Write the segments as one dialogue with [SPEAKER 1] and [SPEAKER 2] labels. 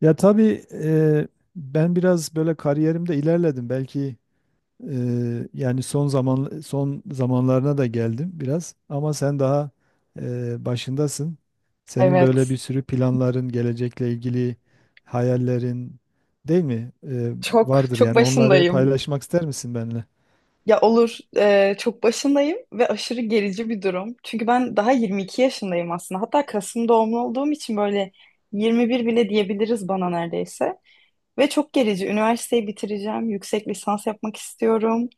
[SPEAKER 1] Ya tabii ben biraz böyle kariyerimde ilerledim. Belki yani son zamanlarına da geldim biraz. Ama sen daha başındasın. Senin böyle
[SPEAKER 2] Evet.
[SPEAKER 1] bir sürü planların, gelecekle ilgili hayallerin değil mi?
[SPEAKER 2] Çok
[SPEAKER 1] Vardır
[SPEAKER 2] çok
[SPEAKER 1] yani. Onları
[SPEAKER 2] başındayım.
[SPEAKER 1] paylaşmak ister misin benimle?
[SPEAKER 2] Ya olur, çok başındayım ve aşırı gerici bir durum. Çünkü ben daha 22 yaşındayım aslında. Hatta Kasım doğumlu olduğum için böyle 21 bile diyebiliriz bana neredeyse. Ve çok gerici. Üniversiteyi bitireceğim. Yüksek lisans yapmak istiyorum.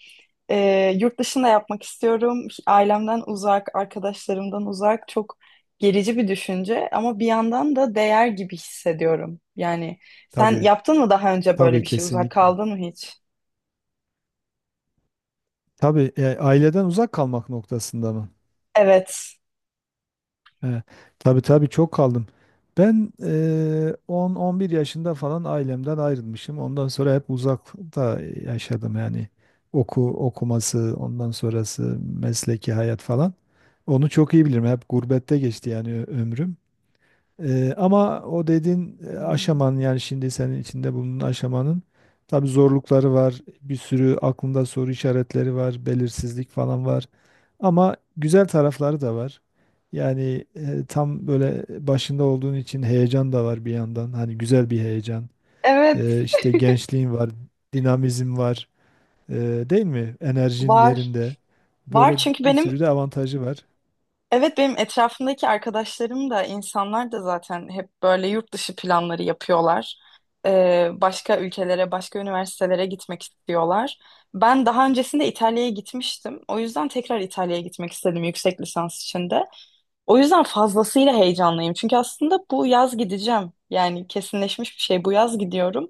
[SPEAKER 2] Yurt dışında yapmak istiyorum. Ailemden uzak, arkadaşlarımdan uzak. Çok gerici bir düşünce ama bir yandan da değer gibi hissediyorum. Yani sen
[SPEAKER 1] Tabii,
[SPEAKER 2] yaptın mı daha önce böyle
[SPEAKER 1] tabii
[SPEAKER 2] bir şey? Uzak
[SPEAKER 1] kesinlikle.
[SPEAKER 2] kaldın mı hiç?
[SPEAKER 1] Tabii aileden uzak kalmak noktasında mı?
[SPEAKER 2] Evet.
[SPEAKER 1] He, tabii tabii çok kaldım. Ben 10-11 yaşında falan ailemden ayrılmışım. Ondan sonra hep uzakta yaşadım yani. Okuması, ondan sonrası mesleki hayat falan. Onu çok iyi bilirim. Hep gurbette geçti yani ömrüm. Ama o dediğin
[SPEAKER 2] Hmm.
[SPEAKER 1] aşamanın yani şimdi senin içinde bulunan aşamanın tabii zorlukları var. Bir sürü aklında soru işaretleri var. Belirsizlik falan var. Ama güzel tarafları da var. Yani tam böyle başında olduğun için heyecan da var bir yandan. Hani güzel bir heyecan.
[SPEAKER 2] Evet,
[SPEAKER 1] İşte gençliğin var, dinamizm var. E, değil mi? Enerjin
[SPEAKER 2] var.
[SPEAKER 1] yerinde.
[SPEAKER 2] Var
[SPEAKER 1] Böyle
[SPEAKER 2] çünkü
[SPEAKER 1] bir
[SPEAKER 2] benim.
[SPEAKER 1] sürü de avantajı var.
[SPEAKER 2] Evet, benim etrafımdaki arkadaşlarım da insanlar da zaten hep böyle yurt dışı planları yapıyorlar. Başka ülkelere, başka üniversitelere gitmek istiyorlar. Ben daha öncesinde İtalya'ya gitmiştim. O yüzden tekrar İtalya'ya gitmek istedim yüksek lisans için de. O yüzden fazlasıyla heyecanlıyım. Çünkü aslında bu yaz gideceğim. Yani kesinleşmiş bir şey. Bu yaz gidiyorum.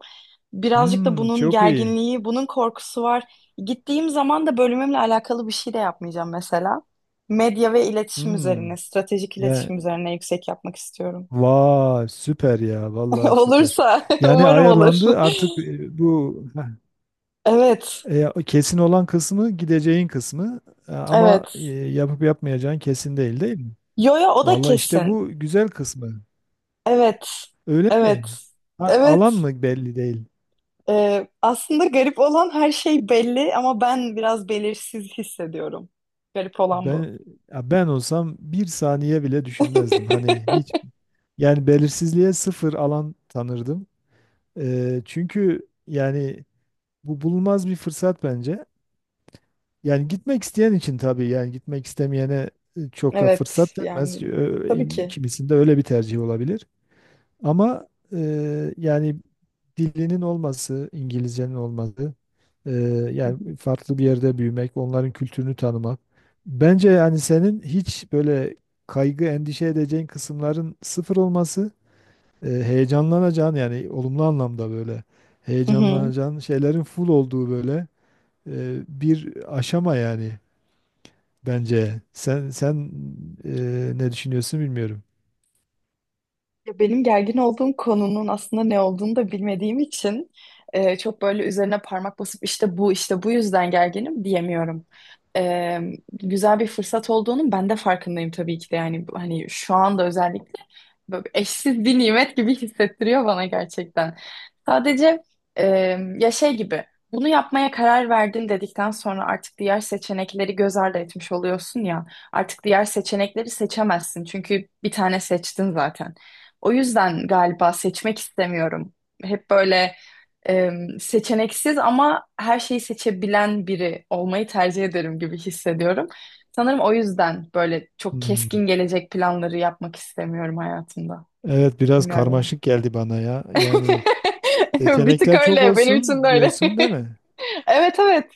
[SPEAKER 2] Birazcık da
[SPEAKER 1] Hmm,
[SPEAKER 2] bunun
[SPEAKER 1] çok iyi.
[SPEAKER 2] gerginliği, bunun korkusu var. Gittiğim zaman da bölümümle alakalı bir şey de yapmayacağım mesela. Medya ve iletişim
[SPEAKER 1] Hmm.
[SPEAKER 2] üzerine, stratejik
[SPEAKER 1] Ya
[SPEAKER 2] iletişim üzerine yüksek yapmak istiyorum.
[SPEAKER 1] vay süper ya vallahi süper.
[SPEAKER 2] Olursa,
[SPEAKER 1] Yani
[SPEAKER 2] umarım olur.
[SPEAKER 1] ayarlandı artık bu
[SPEAKER 2] Evet,
[SPEAKER 1] kesin olan kısmı, gideceğin kısmı. Ama
[SPEAKER 2] evet.
[SPEAKER 1] yapıp yapmayacağın kesin değil, değil mi?
[SPEAKER 2] Yo yo, o da
[SPEAKER 1] Vallahi işte
[SPEAKER 2] kesin.
[SPEAKER 1] bu güzel kısmı.
[SPEAKER 2] Evet,
[SPEAKER 1] Öyle
[SPEAKER 2] evet,
[SPEAKER 1] mi? Ha, alan
[SPEAKER 2] evet.
[SPEAKER 1] mı belli değil.
[SPEAKER 2] Aslında garip olan her şey belli ama ben biraz belirsiz hissediyorum. Garip olan bu.
[SPEAKER 1] Ben Ya ben olsam bir saniye bile düşünmezdim. Hani hiç, yani belirsizliğe sıfır alan tanırdım. Çünkü yani bu bulunmaz bir fırsat bence. Yani gitmek isteyen için tabii, yani gitmek istemeyene çok da
[SPEAKER 2] Evet
[SPEAKER 1] fırsat
[SPEAKER 2] yani,
[SPEAKER 1] denmez.
[SPEAKER 2] tabii ki.
[SPEAKER 1] Kimisinde öyle bir tercih olabilir. Ama yani dilinin olması, İngilizcenin olması, e,
[SPEAKER 2] Hı
[SPEAKER 1] yani
[SPEAKER 2] hı.
[SPEAKER 1] farklı bir yerde büyümek, onların kültürünü tanımak. Bence yani senin hiç böyle kaygı, endişe edeceğin kısımların sıfır olması, heyecanlanacağın yani olumlu anlamda böyle
[SPEAKER 2] Hı hı.
[SPEAKER 1] heyecanlanacağın şeylerin full olduğu böyle bir aşama yani bence. Sen ne düşünüyorsun bilmiyorum.
[SPEAKER 2] Ya, benim gergin olduğum konunun aslında ne olduğunu da bilmediğim için çok böyle üzerine parmak basıp işte bu yüzden gerginim diyemiyorum. E, Güzel bir fırsat olduğunun ben de farkındayım tabii ki de, yani hani şu anda özellikle böyle eşsiz bir nimet gibi hissettiriyor bana gerçekten. Sadece e, ya, şey gibi, bunu yapmaya karar verdin dedikten sonra artık diğer seçenekleri göz ardı etmiş oluyorsun ya, artık diğer seçenekleri seçemezsin çünkü bir tane seçtin zaten. O yüzden galiba seçmek istemiyorum. Hep böyle e, seçeneksiz ama her şeyi seçebilen biri olmayı tercih ederim gibi hissediyorum. Sanırım o yüzden böyle çok
[SPEAKER 1] Hmm.
[SPEAKER 2] keskin gelecek planları yapmak istemiyorum hayatımda.
[SPEAKER 1] Evet, biraz
[SPEAKER 2] Bilmiyorum.
[SPEAKER 1] karmaşık geldi bana ya. Yani
[SPEAKER 2] Bir tık
[SPEAKER 1] seçenekler çok
[SPEAKER 2] öyle. Benim için de
[SPEAKER 1] olsun
[SPEAKER 2] öyle.
[SPEAKER 1] diyorsun değil mi?
[SPEAKER 2] Evet, evet.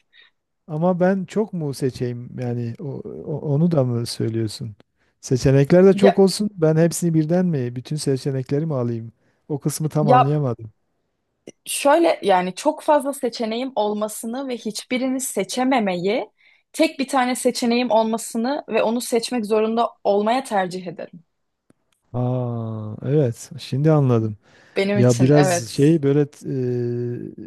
[SPEAKER 1] Ama ben çok mu seçeyim yani onu da mı söylüyorsun? Seçenekler de
[SPEAKER 2] Ya,
[SPEAKER 1] çok olsun. Ben hepsini birden mi, bütün seçenekleri mi alayım? O kısmı tam
[SPEAKER 2] ya,
[SPEAKER 1] anlayamadım.
[SPEAKER 2] şöyle, yani çok fazla seçeneğim olmasını ve hiçbirini seçememeyi, tek bir tane seçeneğim olmasını ve onu seçmek zorunda olmaya tercih ederim.
[SPEAKER 1] Aa, evet, şimdi anladım.
[SPEAKER 2] Benim
[SPEAKER 1] Ya
[SPEAKER 2] için
[SPEAKER 1] biraz
[SPEAKER 2] evet.
[SPEAKER 1] şey böyle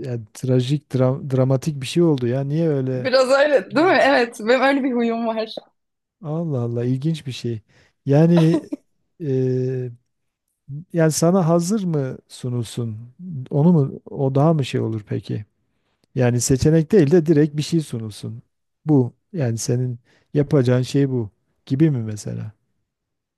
[SPEAKER 1] yani trajik, dramatik bir şey oldu ya. Niye öyle?
[SPEAKER 2] Biraz öyle değil mi?
[SPEAKER 1] Hmm.
[SPEAKER 2] Evet, benim öyle bir huyum var.
[SPEAKER 1] Allah Allah, ilginç bir şey. Yani e, Yani sana hazır mı sunulsun? Onu mu, o daha mı şey olur peki? Yani seçenek değil de direkt bir şey sunulsun. Bu yani senin yapacağın şey bu gibi mi mesela?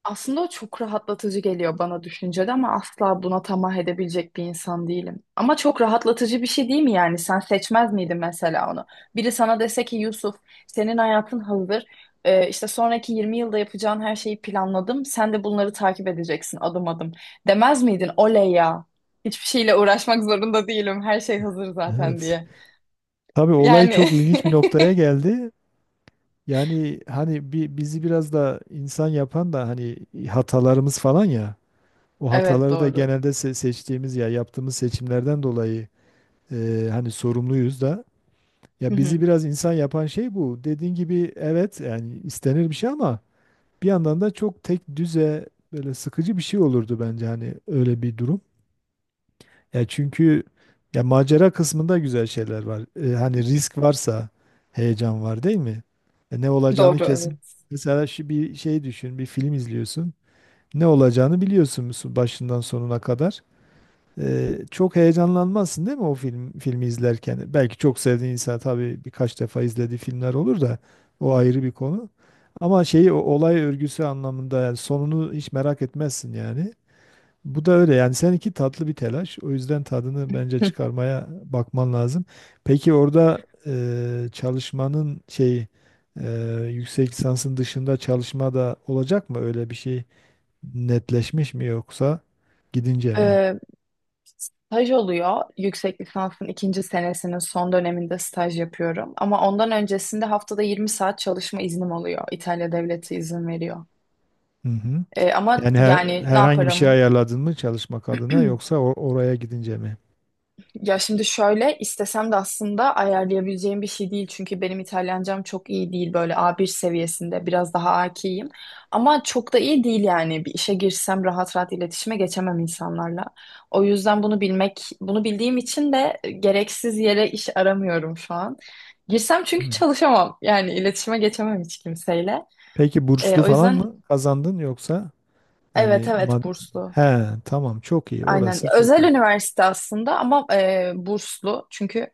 [SPEAKER 2] Aslında o çok rahatlatıcı geliyor bana düşüncede ama asla buna tamah edebilecek bir insan değilim. Ama çok rahatlatıcı bir şey değil mi yani? Sen seçmez miydin mesela onu? Biri sana dese ki Yusuf, senin hayatın hazır. İşte sonraki 20 yılda yapacağın her şeyi planladım. Sen de bunları takip edeceksin adım adım. Demez miydin? Oley ya. Hiçbir şeyle uğraşmak zorunda değilim. Her şey hazır zaten
[SPEAKER 1] Evet.
[SPEAKER 2] diye.
[SPEAKER 1] Tabii olay
[SPEAKER 2] Yani
[SPEAKER 1] çok ilginç bir noktaya geldi. Yani hani bizi biraz da insan yapan da hani hatalarımız falan ya. O
[SPEAKER 2] evet,
[SPEAKER 1] hataları da
[SPEAKER 2] doğru.
[SPEAKER 1] genelde seçtiğimiz ya yaptığımız seçimlerden dolayı hani sorumluyuz da.
[SPEAKER 2] Hı
[SPEAKER 1] Ya bizi
[SPEAKER 2] hı.
[SPEAKER 1] biraz insan yapan şey bu. Dediğin gibi evet, yani istenir bir şey ama bir yandan da çok tek düze, böyle sıkıcı bir şey olurdu bence hani öyle bir durum. Ya çünkü ya macera kısmında güzel şeyler var. Hani risk varsa heyecan var değil mi? Ne olacağını
[SPEAKER 2] Doğru,
[SPEAKER 1] kesin.
[SPEAKER 2] evet.
[SPEAKER 1] Mesela şu bir şey düşün, bir film izliyorsun. Ne olacağını biliyorsun başından sonuna kadar. Çok heyecanlanmazsın değil mi o filmi izlerken? Belki çok sevdiğin insan, tabii, birkaç defa izlediği filmler olur da o ayrı bir konu. Ama şeyi o olay örgüsü anlamında yani sonunu hiç merak etmezsin yani. Bu da öyle yani seninki tatlı bir telaş. O yüzden tadını bence çıkarmaya bakman lazım. Peki orada e, çalışmanın şey e, yüksek lisansın dışında çalışma da olacak mı? Öyle bir şey netleşmiş mi yoksa gidince mi?
[SPEAKER 2] Ee, Staj oluyor. Yüksek lisansın ikinci senesinin son döneminde staj yapıyorum. Ama ondan öncesinde haftada 20 saat çalışma iznim oluyor. İtalya devleti izin veriyor.
[SPEAKER 1] Hı hı.
[SPEAKER 2] Ama
[SPEAKER 1] Yani
[SPEAKER 2] yani ne
[SPEAKER 1] herhangi bir şey
[SPEAKER 2] yaparım?
[SPEAKER 1] ayarladın mı çalışmak adına yoksa oraya gidince mi?
[SPEAKER 2] Ya şimdi şöyle, istesem de aslında ayarlayabileceğim bir şey değil. Çünkü benim İtalyancam çok iyi değil. Böyle A1 seviyesinde biraz daha akiyim. Ama çok da iyi değil yani. Bir işe girsem rahat rahat iletişime geçemem insanlarla. O yüzden bunu bilmek, bunu bildiğim için de gereksiz yere iş aramıyorum şu an. Girsem çünkü
[SPEAKER 1] Hmm.
[SPEAKER 2] çalışamam. Yani iletişime geçemem hiç kimseyle.
[SPEAKER 1] Peki burslu
[SPEAKER 2] O
[SPEAKER 1] falan
[SPEAKER 2] yüzden,
[SPEAKER 1] mı kazandın yoksa
[SPEAKER 2] evet,
[SPEAKER 1] yani
[SPEAKER 2] evet burslu.
[SPEAKER 1] he tamam, çok iyi,
[SPEAKER 2] Aynen.
[SPEAKER 1] orası çok
[SPEAKER 2] Özel
[SPEAKER 1] iyi.
[SPEAKER 2] üniversite aslında ama burslu. Çünkü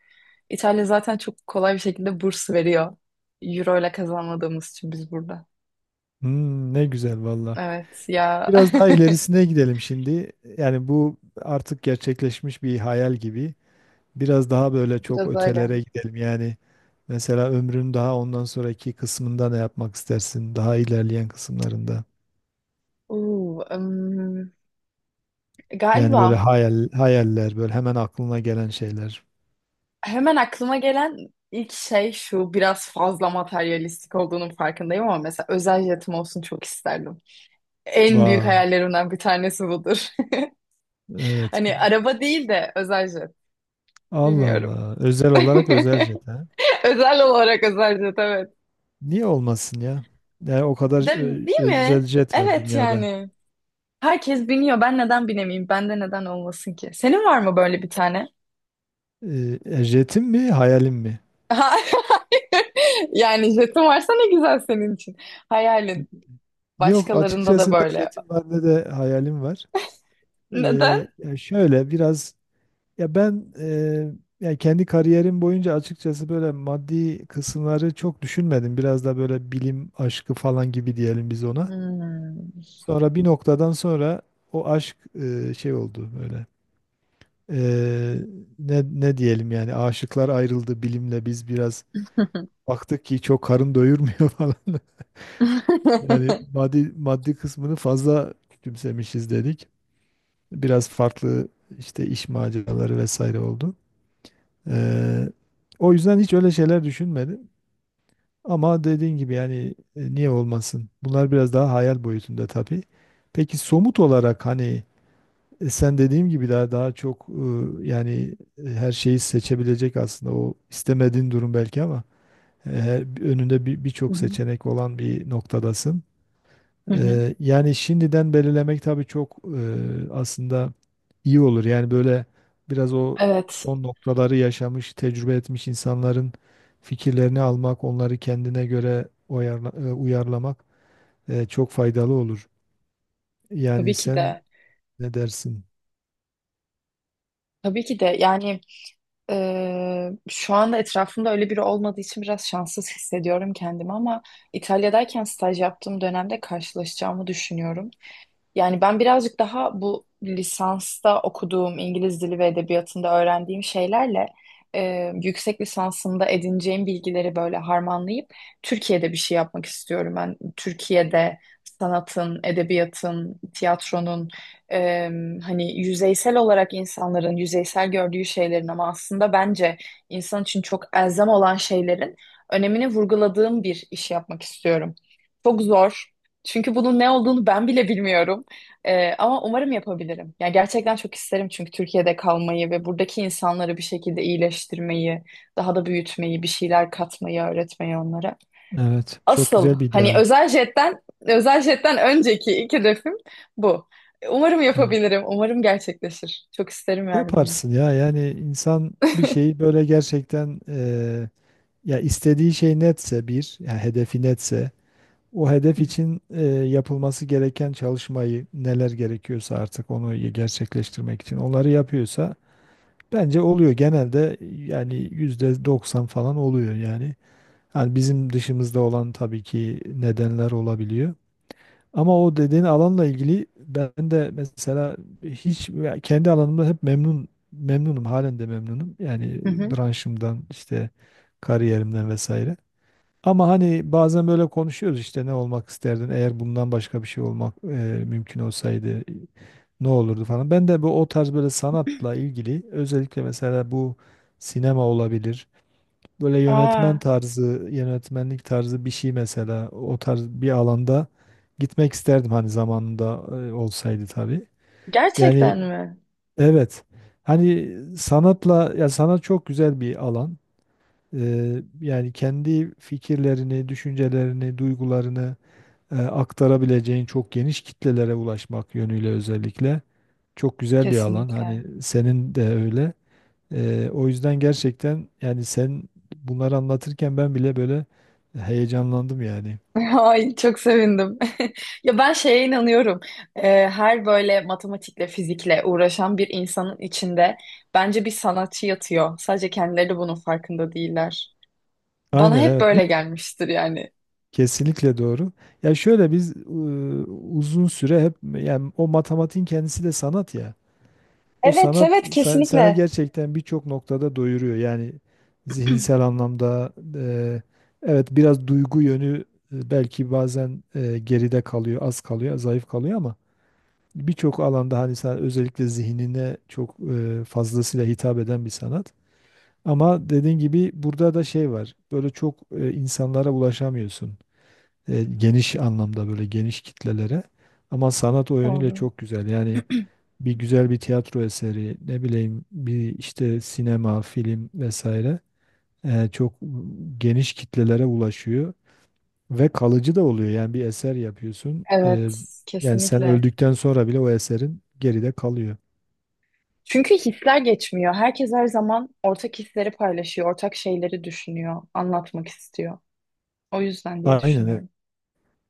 [SPEAKER 2] İtalya zaten çok kolay bir şekilde burs veriyor. Euro ile kazanmadığımız için biz burada.
[SPEAKER 1] Hmm, ne güzel valla.
[SPEAKER 2] Evet ya.
[SPEAKER 1] Biraz daha ilerisine gidelim şimdi. Yani bu artık gerçekleşmiş bir hayal gibi. Biraz daha böyle çok
[SPEAKER 2] Biraz öyle.
[SPEAKER 1] ötelere gidelim. Yani mesela ömrün daha ondan sonraki kısmında ne yapmak istersin? Daha ilerleyen kısımlarında.
[SPEAKER 2] Oo,
[SPEAKER 1] Yani böyle
[SPEAKER 2] galiba
[SPEAKER 1] hayal, hayaller, böyle hemen aklına gelen şeyler.
[SPEAKER 2] hemen aklıma gelen ilk şey şu: biraz fazla materyalistik olduğunun farkındayım ama mesela özel jetim olsun, çok isterdim. En büyük
[SPEAKER 1] Vay.
[SPEAKER 2] hayallerimden bir tanesi budur.
[SPEAKER 1] Evet.
[SPEAKER 2] Hani araba değil de özel jet.
[SPEAKER 1] Allah
[SPEAKER 2] Bilmiyorum.
[SPEAKER 1] Allah. Özel olarak özel jet ha.
[SPEAKER 2] Özel olarak özel jet, evet.
[SPEAKER 1] Niye olmasın ya? Yani o kadar
[SPEAKER 2] Değil mi?
[SPEAKER 1] özel jet var
[SPEAKER 2] Evet
[SPEAKER 1] dünyada.
[SPEAKER 2] yani. Herkes biniyor. Ben neden binemeyeyim? Bende neden olmasın ki? Senin var mı böyle bir tane?
[SPEAKER 1] Jetim mi, hayalim mi?
[SPEAKER 2] Hayır. Yani jetin varsa ne güzel senin için. Hayalin.
[SPEAKER 1] Yok,
[SPEAKER 2] Başkalarında da
[SPEAKER 1] açıkçası ne
[SPEAKER 2] böyle.
[SPEAKER 1] jetim var ne de hayalim var.
[SPEAKER 2] Neden?
[SPEAKER 1] Ya şöyle biraz, ya ben e, ya kendi kariyerim boyunca açıkçası böyle maddi kısımları çok düşünmedim. Biraz da böyle bilim aşkı falan gibi diyelim biz ona.
[SPEAKER 2] Hmm.
[SPEAKER 1] Sonra bir noktadan sonra o aşk şey oldu böyle. Eee, Ne diyelim yani, aşıklar ayrıldı bilimle, biz biraz baktık ki çok karın doyurmuyor falan. Yani
[SPEAKER 2] Hı
[SPEAKER 1] maddi kısmını fazla küçümsemişiz dedik. Biraz farklı işte iş maceraları vesaire oldu. Eee, O yüzden hiç öyle şeyler düşünmedim. Ama dediğin gibi yani niye olmasın? Bunlar biraz daha hayal boyutunda tabii. Peki somut olarak hani, sen dediğim gibi daha çok yani her şeyi seçebilecek aslında, o istemediğin durum belki ama önünde birçok
[SPEAKER 2] hı.
[SPEAKER 1] seçenek olan bir noktadasın.
[SPEAKER 2] Hı hı.
[SPEAKER 1] Yani şimdiden belirlemek tabii çok aslında iyi olur. Yani böyle biraz o
[SPEAKER 2] Evet.
[SPEAKER 1] son noktaları yaşamış, tecrübe etmiş insanların fikirlerini almak, onları kendine göre uyarlamak çok faydalı olur. Yani
[SPEAKER 2] Tabii ki
[SPEAKER 1] sen
[SPEAKER 2] de.
[SPEAKER 1] ne dersin?
[SPEAKER 2] Tabii ki de. Yani, şu anda etrafımda öyle biri olmadığı için biraz şanssız hissediyorum kendimi ama İtalya'dayken staj yaptığım dönemde karşılaşacağımı düşünüyorum. Yani ben birazcık daha bu lisansta okuduğum İngiliz dili ve edebiyatında öğrendiğim şeylerle yüksek lisansımda edineceğim bilgileri böyle harmanlayıp Türkiye'de bir şey yapmak istiyorum. Ben Türkiye'de sanatın, edebiyatın, tiyatronun, e, hani yüzeysel olarak insanların yüzeysel gördüğü şeylerin ama aslında bence insan için çok elzem olan şeylerin önemini vurguladığım bir iş yapmak istiyorum. Çok zor. Çünkü bunun ne olduğunu ben bile bilmiyorum. Ama umarım yapabilirim. Yani gerçekten çok isterim çünkü Türkiye'de kalmayı ve buradaki insanları bir şekilde iyileştirmeyi, daha da büyütmeyi, bir şeyler katmayı, öğretmeyi onlara.
[SPEAKER 1] Evet. Çok
[SPEAKER 2] Asıl
[SPEAKER 1] güzel bir
[SPEAKER 2] hani
[SPEAKER 1] ideal.
[SPEAKER 2] özel jetten önceki ilk hedefim bu. Umarım
[SPEAKER 1] Aynen.
[SPEAKER 2] yapabilirim. Umarım gerçekleşir. Çok isterim yani bunu.
[SPEAKER 1] Yaparsın ya, yani insan bir şeyi böyle gerçekten ya istediği şey netse, bir yani hedefi netse, o hedef için yapılması gereken çalışmayı, neler gerekiyorsa artık onu gerçekleştirmek için onları yapıyorsa bence oluyor genelde, yani yüzde 90 falan oluyor yani. Yani bizim dışımızda olan tabii ki nedenler olabiliyor. Ama o dediğin alanla ilgili ben de mesela hiç, ya kendi alanımda hep memnunum, halen de memnunum. Yani
[SPEAKER 2] Hı hı.
[SPEAKER 1] branşımdan işte kariyerimden vesaire. Ama hani bazen böyle konuşuyoruz işte ne olmak isterdin eğer bundan başka bir şey olmak mümkün olsaydı ne olurdu falan. Ben de bu, o tarz böyle sanatla ilgili, özellikle mesela bu sinema olabilir. Böyle yönetmen
[SPEAKER 2] Aa,
[SPEAKER 1] tarzı, yönetmenlik tarzı bir şey mesela o tarz bir alanda gitmek isterdim hani zamanında olsaydı tabii.
[SPEAKER 2] gerçekten
[SPEAKER 1] Yani
[SPEAKER 2] mi?
[SPEAKER 1] evet. Hani sanatla, ya sanat çok güzel bir alan. Yani kendi fikirlerini, düşüncelerini, duygularını aktarabileceğin, çok geniş kitlelere ulaşmak yönüyle özellikle çok güzel bir alan.
[SPEAKER 2] Kesinlikle.
[SPEAKER 1] Hani senin de öyle. O yüzden gerçekten yani sen bunları anlatırken ben bile böyle heyecanlandım yani.
[SPEAKER 2] Ay, çok sevindim. Ya ben şeye inanıyorum. Ee, Her böyle matematikle, fizikle uğraşan bir insanın içinde bence bir sanatçı yatıyor. Sadece kendileri bunun farkında değiller. Bana
[SPEAKER 1] Aynen
[SPEAKER 2] hep
[SPEAKER 1] evet.
[SPEAKER 2] böyle gelmiştir yani.
[SPEAKER 1] Kesinlikle doğru. Ya şöyle uzun süre hep yani o matematiğin kendisi de sanat ya. O
[SPEAKER 2] Evet,
[SPEAKER 1] sanat
[SPEAKER 2] evet
[SPEAKER 1] sana
[SPEAKER 2] kesinlikle.
[SPEAKER 1] gerçekten birçok noktada doyuruyor. Yani zihinsel anlamda, evet biraz duygu yönü belki bazen geride kalıyor, az kalıyor, zayıf kalıyor, ama birçok alanda hani sen özellikle zihnine çok fazlasıyla hitap eden bir sanat. Ama dediğin gibi burada da şey var. Böyle çok insanlara ulaşamıyorsun. Geniş anlamda böyle geniş kitlelere. Ama sanat o yönüyle
[SPEAKER 2] Doğru.
[SPEAKER 1] çok güzel. Yani bir güzel bir tiyatro eseri, ne bileyim bir işte sinema, film vesaire çok geniş kitlelere ulaşıyor ve kalıcı da oluyor. Yani bir eser yapıyorsun.
[SPEAKER 2] Evet,
[SPEAKER 1] Yani sen
[SPEAKER 2] kesinlikle.
[SPEAKER 1] öldükten sonra bile o eserin geride kalıyor.
[SPEAKER 2] Çünkü hisler geçmiyor. Herkes her zaman ortak hisleri paylaşıyor, ortak şeyleri düşünüyor, anlatmak istiyor. O yüzden diye
[SPEAKER 1] Aynen, evet.
[SPEAKER 2] düşünüyorum.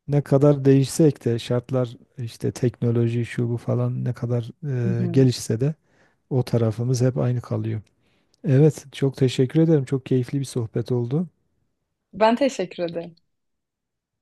[SPEAKER 1] Ne kadar değişsek de şartlar, işte teknoloji şu bu falan ne kadar
[SPEAKER 2] Hı hı.
[SPEAKER 1] gelişse de o tarafımız hep aynı kalıyor. Evet, çok teşekkür ederim. Çok keyifli bir sohbet oldu.
[SPEAKER 2] Ben teşekkür ederim.